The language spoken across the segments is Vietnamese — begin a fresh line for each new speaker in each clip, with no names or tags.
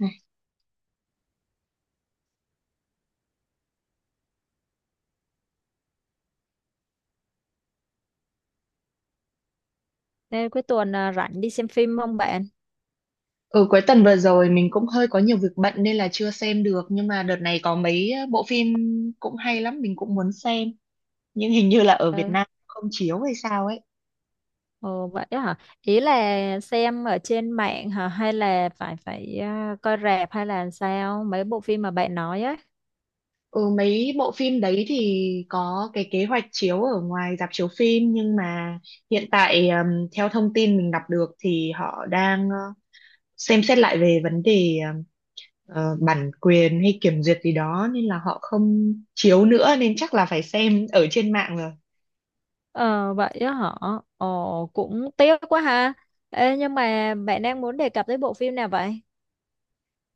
Này.
Nên cuối tuần à, rảnh đi xem phim không bạn?
Ừ, cuối tuần vừa rồi mình cũng hơi có nhiều việc bận nên là chưa xem được, nhưng mà đợt này có mấy bộ phim cũng hay lắm, mình cũng muốn xem, nhưng hình như là ở Việt
Ờ,
Nam không chiếu hay sao ấy.
ồ, vậy á hả? Ý là xem ở trên mạng hả? Hay là phải phải à, coi rạp hay là sao? Mấy bộ phim mà bạn nói á.
Ừ, mấy bộ phim đấy thì có cái kế hoạch chiếu ở ngoài rạp chiếu phim, nhưng mà hiện tại theo thông tin mình đọc được thì họ đang xem xét lại về vấn đề bản quyền hay kiểm duyệt gì đó nên là họ không chiếu nữa, nên chắc là phải xem ở trên mạng rồi.
Ờ, vậy á hả? Ồ, cũng tiếc quá ha. Ê, nhưng mà bạn đang muốn đề cập tới bộ phim nào vậy?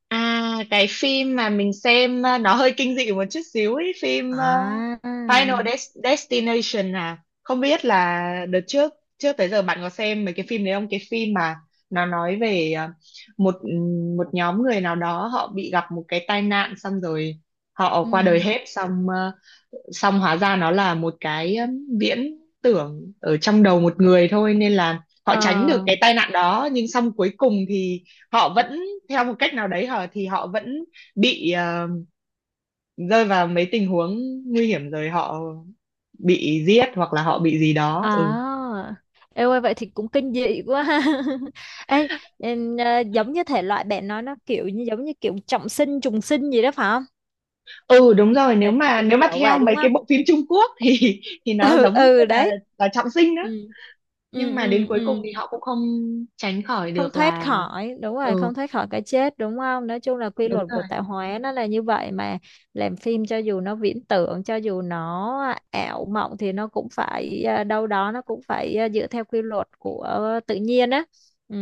À, cái phim mà mình xem nó hơi kinh dị một chút xíu ấy, phim
À,
Final Destination à. Không biết là đợt trước, trước tới giờ bạn có xem mấy cái phim đấy không? Cái phim mà nó nói về một một nhóm người nào đó họ bị gặp một cái tai nạn, xong rồi họ qua đời
ừ.
hết, xong xong hóa ra nó là một cái viễn tưởng ở trong đầu một người thôi, nên là họ tránh được cái
Ờ,
tai nạn đó, nhưng xong cuối cùng thì họ vẫn, theo một cách nào đấy hả, thì họ vẫn bị rơi vào mấy tình huống nguy hiểm, rồi họ bị giết hoặc là họ bị gì đó. Ừ,
à. Ê ơi, vậy thì cũng kinh dị quá ha. Ê, em, giống như thể loại bạn nói nó kiểu như giống như kiểu trọng sinh trùng sinh gì đó phải không?
ừ, đúng
Thì
rồi, nếu
phải phải
mà
kiểu kiểu
theo
vậy
mấy
đúng không?
cái bộ phim Trung Quốc thì nó
Ừ,
giống như
ừ, đấy.
là trọng sinh đó,
Ừ,
nhưng
ừ,
mà đến
ừ.
cuối cùng
Ừ,
thì họ cũng không tránh khỏi
không
được
thoát
là.
khỏi, đúng
Ừ,
rồi, không thoát khỏi cái chết, đúng không? Nói chung là quy
đúng
luật
rồi.
của tạo hóa nó là như vậy mà. Làm phim cho dù nó viễn tưởng, cho dù nó ảo mộng thì nó cũng phải à, đâu đó nó cũng phải à, dựa theo quy luật của tự nhiên á. Ừ.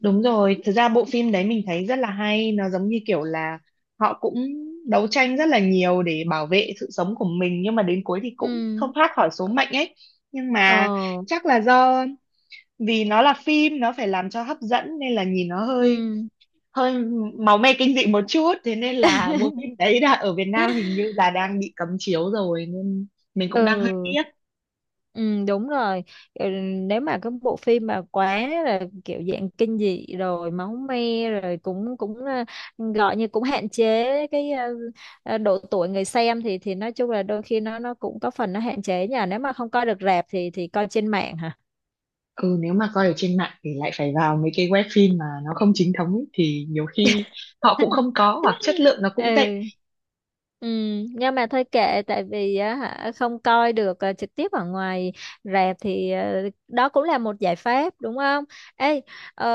Đúng rồi, thực ra bộ phim đấy mình thấy rất là hay, nó giống như kiểu là họ cũng đấu tranh rất là nhiều để bảo vệ sự sống của mình, nhưng mà đến cuối thì cũng không
Ừ.
thoát khỏi số mệnh ấy. Nhưng mà
Ờ.
chắc là do vì nó là phim, nó phải làm cho hấp dẫn, nên là nhìn nó hơi
Ừ.
hơi máu me kinh dị một chút, thế nên là bộ phim đấy là ở Việt Nam hình như là đang bị cấm chiếu rồi, nên mình cũng đang hơi
Ừ.
tiếc.
Ừ, đúng rồi. Ừ, nếu mà cái bộ phim mà quá là kiểu dạng kinh dị rồi máu me rồi cũng cũng gọi như cũng hạn chế cái độ tuổi người xem thì nói chung là đôi khi nó cũng có phần nó hạn chế nhờ. Nếu mà không coi được rạp thì coi trên mạng hả?
Ừ, nếu mà coi ở trên mạng thì lại phải vào mấy cái web phim mà nó không chính thống ấy, thì nhiều khi họ cũng không có hoặc chất lượng nó cũng tệ.
Ừ. Ừ, nhưng mà thôi kệ, tại vì á hả không coi được trực tiếp ở ngoài rạp thì ờ, đó cũng là một giải pháp, đúng không? Ê, ờ,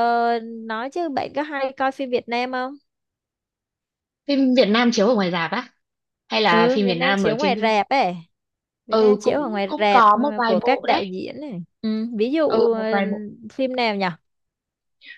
nói chứ bạn có hay coi phim Việt Nam không?
Phim Việt Nam chiếu ở ngoài rạp á, hay là
Ừ,
phim
Việt
Việt
Nam
Nam ở
chiếu
trên
ngoài
TV?
rạp ấy. Việt Nam
Ừ,
chiếu ở
cũng
ngoài
cũng
rạp
có một vài
của các
bộ đấy,
đạo diễn này. Ừ, ví
ừ
dụ
một
ờ,
vài bộ.
phim nào nhỉ?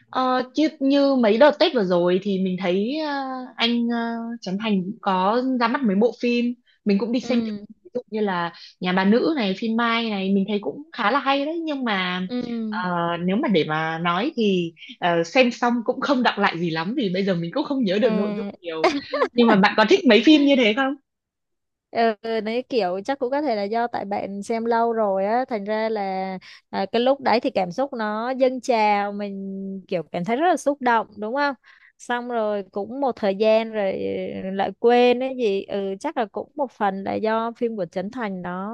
Ờ, chứ như mấy đợt Tết vừa rồi thì mình thấy anh Trấn Thành cũng có ra mắt mấy bộ phim, mình cũng đi xem thử.
Ừ,
Ví dụ như là Nhà bà nữ này, phim Mai này, mình thấy cũng khá là hay đấy, nhưng mà
ừ.
ờ, nếu mà để mà nói thì xem xong cũng không đọng lại gì lắm, vì bây giờ mình cũng không nhớ được nội dung
À.
nhiều. Nhưng mà bạn có thích mấy phim như thế không?
Ừ, nấy kiểu chắc cũng có thể là do tại bạn xem lâu rồi á, thành ra là à, cái lúc đấy thì cảm xúc nó dâng trào, mình kiểu cảm thấy rất là xúc động, đúng không? Xong rồi cũng một thời gian rồi ừ, lại quên cái gì. Ừ, chắc là cũng một phần là do phim của Trấn Thành nó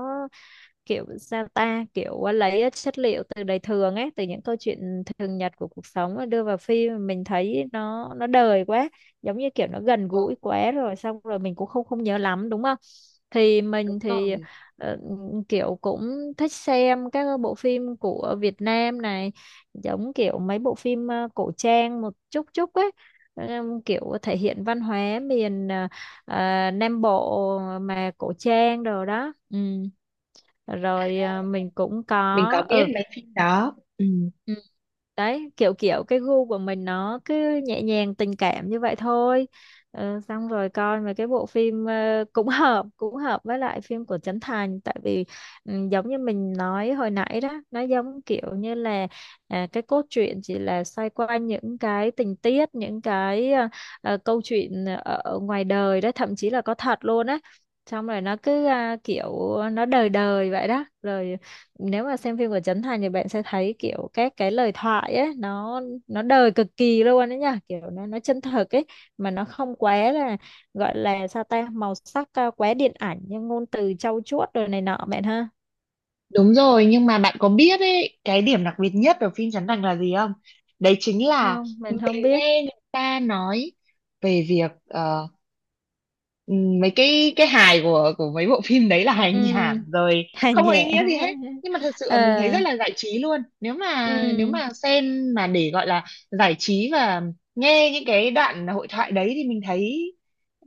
kiểu sao ta, kiểu à, lấy à, chất liệu từ đời thường ấy, từ những câu chuyện thường nhật của cuộc sống mà đưa vào phim, mình thấy nó đời quá, giống như kiểu nó gần
Ừ,
gũi quá rồi xong rồi mình cũng không không nhớ lắm, đúng không? Thì
đúng
mình thì
rồi.
ờ, kiểu cũng thích xem các bộ phim của Việt Nam này, giống kiểu mấy bộ phim cổ trang một chút chút ấy. Kiểu thể hiện văn hóa miền Nam Bộ mà cổ trang đồ đó. Ừ, rồi à, mình cũng
Mình
có.
có biết
Ừ.
mấy phim đó. Ừ,
Ừ, đấy kiểu kiểu cái gu của mình nó cứ nhẹ nhàng tình cảm như vậy thôi. Ờ, xong rồi coi mấy cái bộ phim cũng hợp, cũng hợp với lại phim của Trấn Thành, tại vì ừ, giống như mình nói hồi nãy đó, nó giống kiểu như là à, cái cốt truyện chỉ là xoay quanh những cái tình tiết, những cái câu chuyện ở ở ngoài đời đó, thậm chí là có thật luôn á. Xong rồi nó cứ à, kiểu nó đời đời vậy đó. Rồi nếu mà xem phim của Trấn Thành thì bạn sẽ thấy kiểu các cái lời thoại ấy nó đời cực kỳ luôn đấy nha, kiểu nó chân thực ấy, mà nó không quá là gọi là sao ta, màu sắc à, quá điện ảnh nhưng ngôn từ trau chuốt rồi này nọ bạn ha.
đúng rồi, nhưng mà bạn có biết ấy, cái điểm đặc biệt nhất ở phim Trấn Thành là gì không? Đấy chính là,
Không, mình không biết.
nghe người ta nói về việc mấy cái hài của mấy bộ phim đấy là hài
Ừ,
nhảm rồi,
hà
không có ý
nhẹ.
nghĩa gì hết, nhưng mà thật sự
Ờ.
là mình thấy rất là giải trí luôn, nếu mà
Ừ.
xem mà để gọi là giải trí và nghe những cái đoạn hội thoại đấy thì mình thấy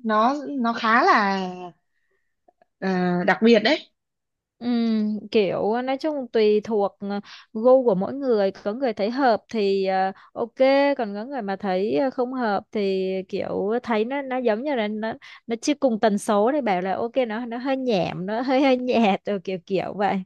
nó khá là ờ, đặc biệt đấy.
Kiểu nói chung tùy thuộc gu của mỗi người, có người thấy hợp thì ờ, ok, còn có người mà thấy ờ, không hợp thì kiểu thấy nó giống như là nó chưa cùng tần số, thì bảo là ok nó hơi nhảm, nó hơi hơi nhạt rồi, kiểu kiểu vậy.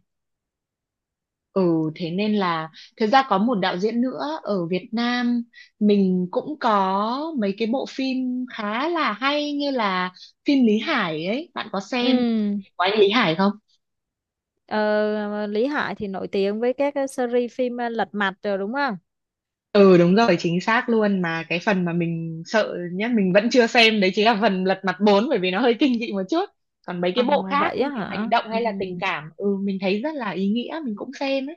Ừ thế nên là, thực ra có một đạo diễn nữa ở Việt Nam mình cũng có mấy cái bộ phim khá là hay, như là phim Lý Hải ấy, bạn có xem
Ừm,
của anh Lý Hải không?
ờ, Lý Hải thì nổi tiếng với các cái series phim lật mặt rồi đúng không?
Ừ, đúng rồi, chính xác luôn, mà cái phần mà mình sợ nhất mình vẫn chưa xem đấy chính là phần Lật Mặt bốn, bởi vì nó hơi kinh dị một chút, còn mấy cái
Ờ,
bộ khác
vậy á
kiểu hành
hả?
động hay là tình
Ừm.
cảm, ừ mình thấy rất là ý nghĩa, mình cũng xem ấy.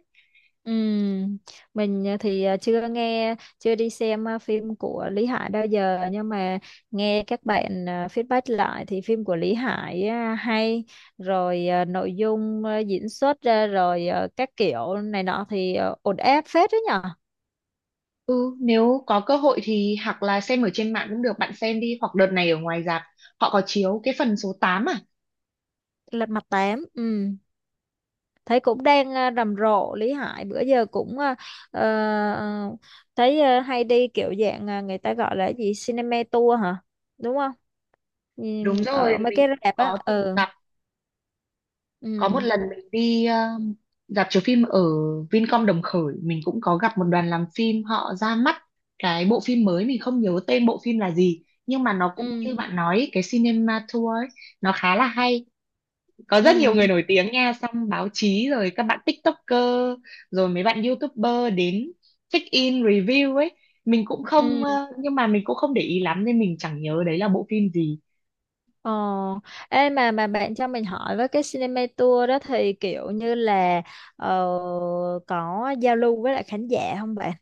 Ừm, mình à, thì à, chưa nghe chưa đi xem à, phim của Lý Hải bao giờ, nhưng mà nghe các bạn à, feedback lại thì phim của Lý Hải à, hay rồi à, nội dung à, diễn xuất ra rồi à, các kiểu này nọ thì à, ổn áp phết đấy nhở.
Ừ, nếu có cơ hội thì hoặc là xem ở trên mạng cũng được, bạn xem đi, hoặc đợt này ở ngoài rạp họ có chiếu cái phần số tám à?
Lật mặt tám thấy cũng đang à, rầm rộ. Lý Hải bữa giờ cũng à, ờ, ờ, thấy à, hay đi, kiểu dạng à, người ta gọi là gì, cinema tour hả, đúng không?
Đúng
Nhìn
rồi,
ở mấy
mình
cái
cũng
rạp á.
có từng
Ừ.
gặp, có
Ừ,
một lần mình đi rạp chiếu phim ở Vincom Đồng Khởi, mình cũng có gặp một đoàn làm phim họ ra mắt cái bộ phim mới, mình không nhớ tên bộ phim là gì, nhưng mà nó cũng như
ừ,
bạn nói ấy, cái cinema tour ấy, nó khá là hay. Có rất nhiều
ừ,
người nổi tiếng nha, xong báo chí rồi các bạn TikToker rồi mấy bạn YouTuber đến check in review ấy, mình cũng không
ừ.
nhưng mà mình cũng không để ý lắm nên mình chẳng nhớ đấy là bộ phim gì.
Ờ. Ê, mà bạn cho mình hỏi với, cái cinema tour đó thì kiểu như là ờ, có giao lưu với lại khán giả không bạn?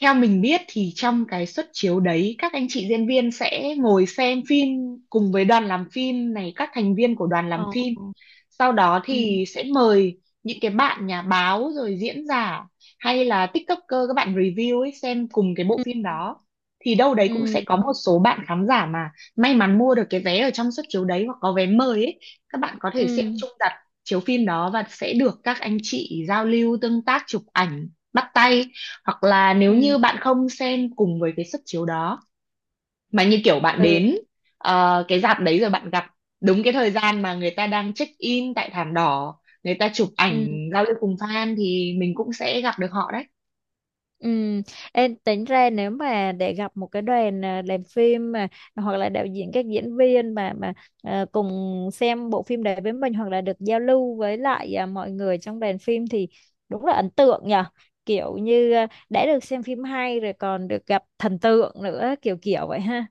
Theo mình biết thì trong cái suất chiếu đấy, các anh chị diễn viên sẽ ngồi xem phim cùng với đoàn làm phim này, các thành viên của đoàn làm
Ờ.
phim. Sau đó
Ừ,
thì sẽ mời những cái bạn nhà báo rồi diễn giả hay là TikToker, các bạn review ấy, xem cùng cái bộ
ừ,
phim đó. Thì đâu đấy cũng sẽ
ừ,
có một số bạn khán giả mà may mắn mua được cái vé ở trong suất chiếu đấy, hoặc có vé mời ấy, các bạn có thể xem
ừ,
chung đặt chiếu phim đó và sẽ được các anh chị giao lưu, tương tác, chụp ảnh, bắt tay. Hoặc là nếu
ừ,
như bạn không xem cùng với cái suất chiếu đó, mà như kiểu bạn
ừ,
đến cái rạp đấy rồi bạn gặp đúng cái thời gian mà người ta đang check in tại thảm đỏ, người ta chụp ảnh
ừ.
giao lưu cùng fan, thì mình cũng sẽ gặp được họ đấy.
Ừ, em tính ra nếu mà để gặp một cái đoàn à, làm phim mà hoặc là đạo diễn, các diễn viên mà à, cùng xem bộ phim đấy với mình, hoặc là được giao lưu với lại à, mọi người trong đoàn phim thì đúng là ấn tượng nhở. Kiểu như à, đã được xem phim hay rồi còn được gặp thần tượng nữa, kiểu kiểu vậy ha.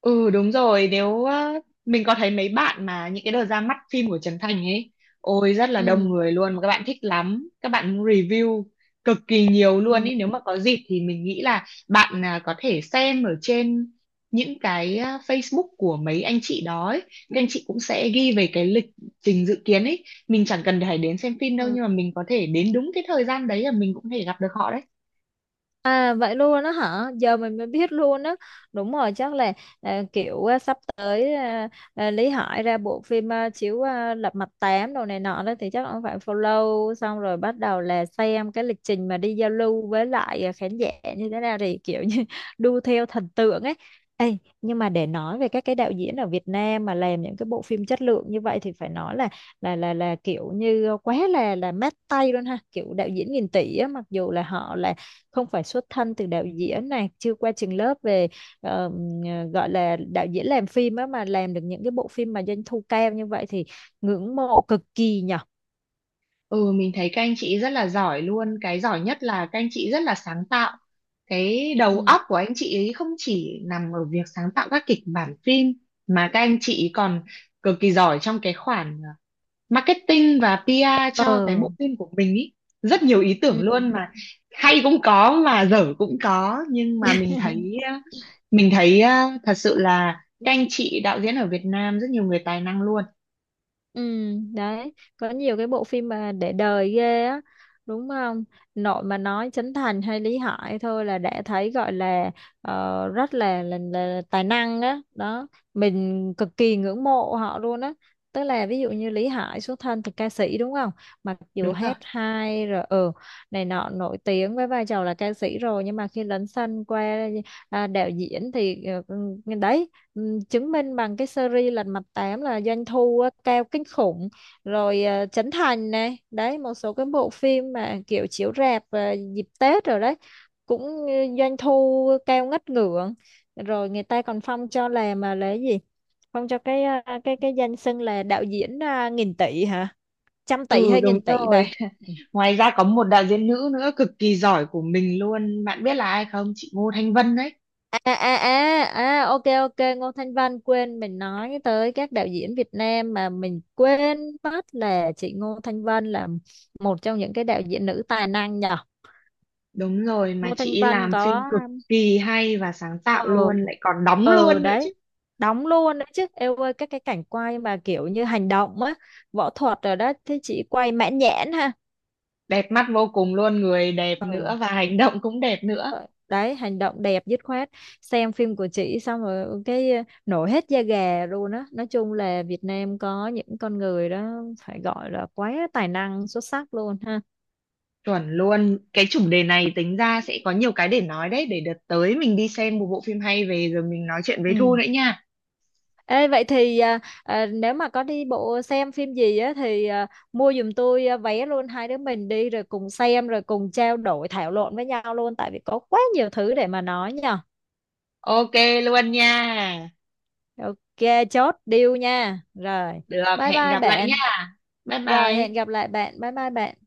Ừ đúng rồi, nếu á, mình có thấy mấy bạn mà những cái đợt ra mắt phim của Trấn Thành ấy, ôi rất là
Ừ.
đông người luôn, mà các bạn thích lắm, các bạn review cực kỳ nhiều luôn
Ừ.
ấy, nếu mà có dịp thì mình nghĩ là bạn à, có thể xem ở trên những cái à, Facebook của mấy anh chị đó ấy. Các anh chị cũng sẽ ghi về cái lịch trình dự kiến ấy, mình chẳng cần phải đến xem phim đâu,
Ừ.
nhưng mà mình có thể đến đúng cái thời gian đấy là mình cũng có thể gặp được họ đấy.
À vậy luôn á hả? Giờ mình mới biết luôn á. Đúng rồi, chắc là à, kiểu à, sắp tới à, à, Lý Hải ra bộ phim à, chiếu à, Lật Mặt tám đồ này nọ đó, thì chắc ông phải follow, xong rồi bắt đầu là xem cái lịch trình mà đi giao lưu với lại à, khán giả như thế nào, thì kiểu như đu theo thần tượng ấy. Ê, nhưng mà để nói về các cái đạo diễn ở Việt Nam mà làm những cái bộ phim chất lượng như vậy thì phải nói là kiểu như quá là mát tay luôn ha, kiểu đạo diễn nghìn tỷ á. Mặc dù là họ là không phải xuất thân từ đạo diễn này, chưa qua trường lớp về ờ, gọi là đạo diễn làm phim á, mà làm được những cái bộ phim mà doanh thu cao như vậy thì ngưỡng mộ cực kỳ nhở.
Ừ, mình thấy các anh chị rất là giỏi luôn. Cái giỏi nhất là các anh chị rất là sáng tạo. Cái đầu
Ừ.
óc của anh chị ấy không chỉ nằm ở việc sáng tạo các kịch bản phim, mà các anh chị còn cực kỳ giỏi trong cái khoản marketing và PR
Ờ.
cho cái bộ phim của mình ý. Rất nhiều ý tưởng
Ừ.
luôn mà, hay cũng có mà dở cũng có. Nhưng mà mình thấy thật sự là các anh chị đạo diễn ở Việt Nam rất nhiều người tài năng luôn.
Ừ, đấy, có nhiều cái bộ phim mà để đời ghê á, đúng không? Nội mà nói Trấn Thành hay Lý Hải thôi là đã thấy gọi là ờ, rất là, tài năng á, đó. Mình cực kỳ ngưỡng mộ họ luôn á. Tức là ví dụ như Lý Hải xuất thân từ ca sĩ, đúng không? Mặc dù
Đúng rồi.
hát hay rồi ừ, này nọ, nổi tiếng với vai trò là ca sĩ rồi, nhưng mà khi lấn sân qua à, đạo diễn thì ừ, ừ, đấy, ừ, chứng minh bằng cái series Lật Mặt tám là doanh thu á, cao kinh khủng. Rồi ờ, Trấn Thành này đấy, một số cái bộ phim mà kiểu chiếu rạp dịp Tết rồi đấy cũng ờ, doanh thu cao ngất ngưỡng. Rồi người ta còn phong cho là mà là cái gì, phong cho cái ờ, cái danh xưng là đạo diễn nghìn tỷ hả, trăm tỷ
Ừ
hay
đúng
nghìn tỷ
rồi.
bà. Ừ.
Ngoài ra có một đạo diễn nữ nữa cực kỳ giỏi của mình luôn. Bạn biết là ai không? Chị Ngô Thanh Vân đấy.
À, à, à, à, à, ok, ok, Ngô Thanh Vân, quên, mình nói tới các đạo diễn Việt Nam mà mình quên mất là chị Ngô Thanh Vân là một trong những cái đạo diễn nữ tài năng nhở.
Đúng rồi, mà
Ngô Thanh
chị ấy
Vân
làm phim
có
cực kỳ hay và sáng
ờ.
tạo luôn, lại còn đóng
Ờ,
luôn nữa chứ.
đấy, đóng luôn đấy chứ em ơi, các cái cảnh quay mà kiểu như hành động á, võ thuật rồi đó, thế chị quay mãn nhãn ha.
Đẹp mắt vô cùng luôn, người đẹp
Ừ.
nữa và hành động cũng đẹp nữa.
Ờ, đấy, hành động đẹp dứt khoát, xem phim của chị xong rồi ừ, cái ờ, nổi hết da gà luôn á. Nói chung là Việt Nam có những con người đó phải gọi là quá tài năng, xuất sắc luôn ha.
Chuẩn luôn. Cái chủ đề này tính ra sẽ có nhiều cái để nói đấy, để đợt tới mình đi xem một bộ phim hay về rồi mình nói chuyện với Thu
Ừ.
nữa nha.
Ê, vậy thì à, à, nếu mà có đi bộ xem phim gì á thì à, mua giùm tôi à, vé luôn, hai đứa mình đi rồi cùng xem rồi cùng trao đổi thảo luận với nhau luôn, tại vì có quá nhiều thứ để mà nói nhờ.
Ok luôn nha.
Ok, chốt deal nha. Rồi
Được,
bye
hẹn
bye
gặp lại
bạn.
nha. Bye
Rồi
bye.
hẹn gặp lại bạn, bye bye bạn.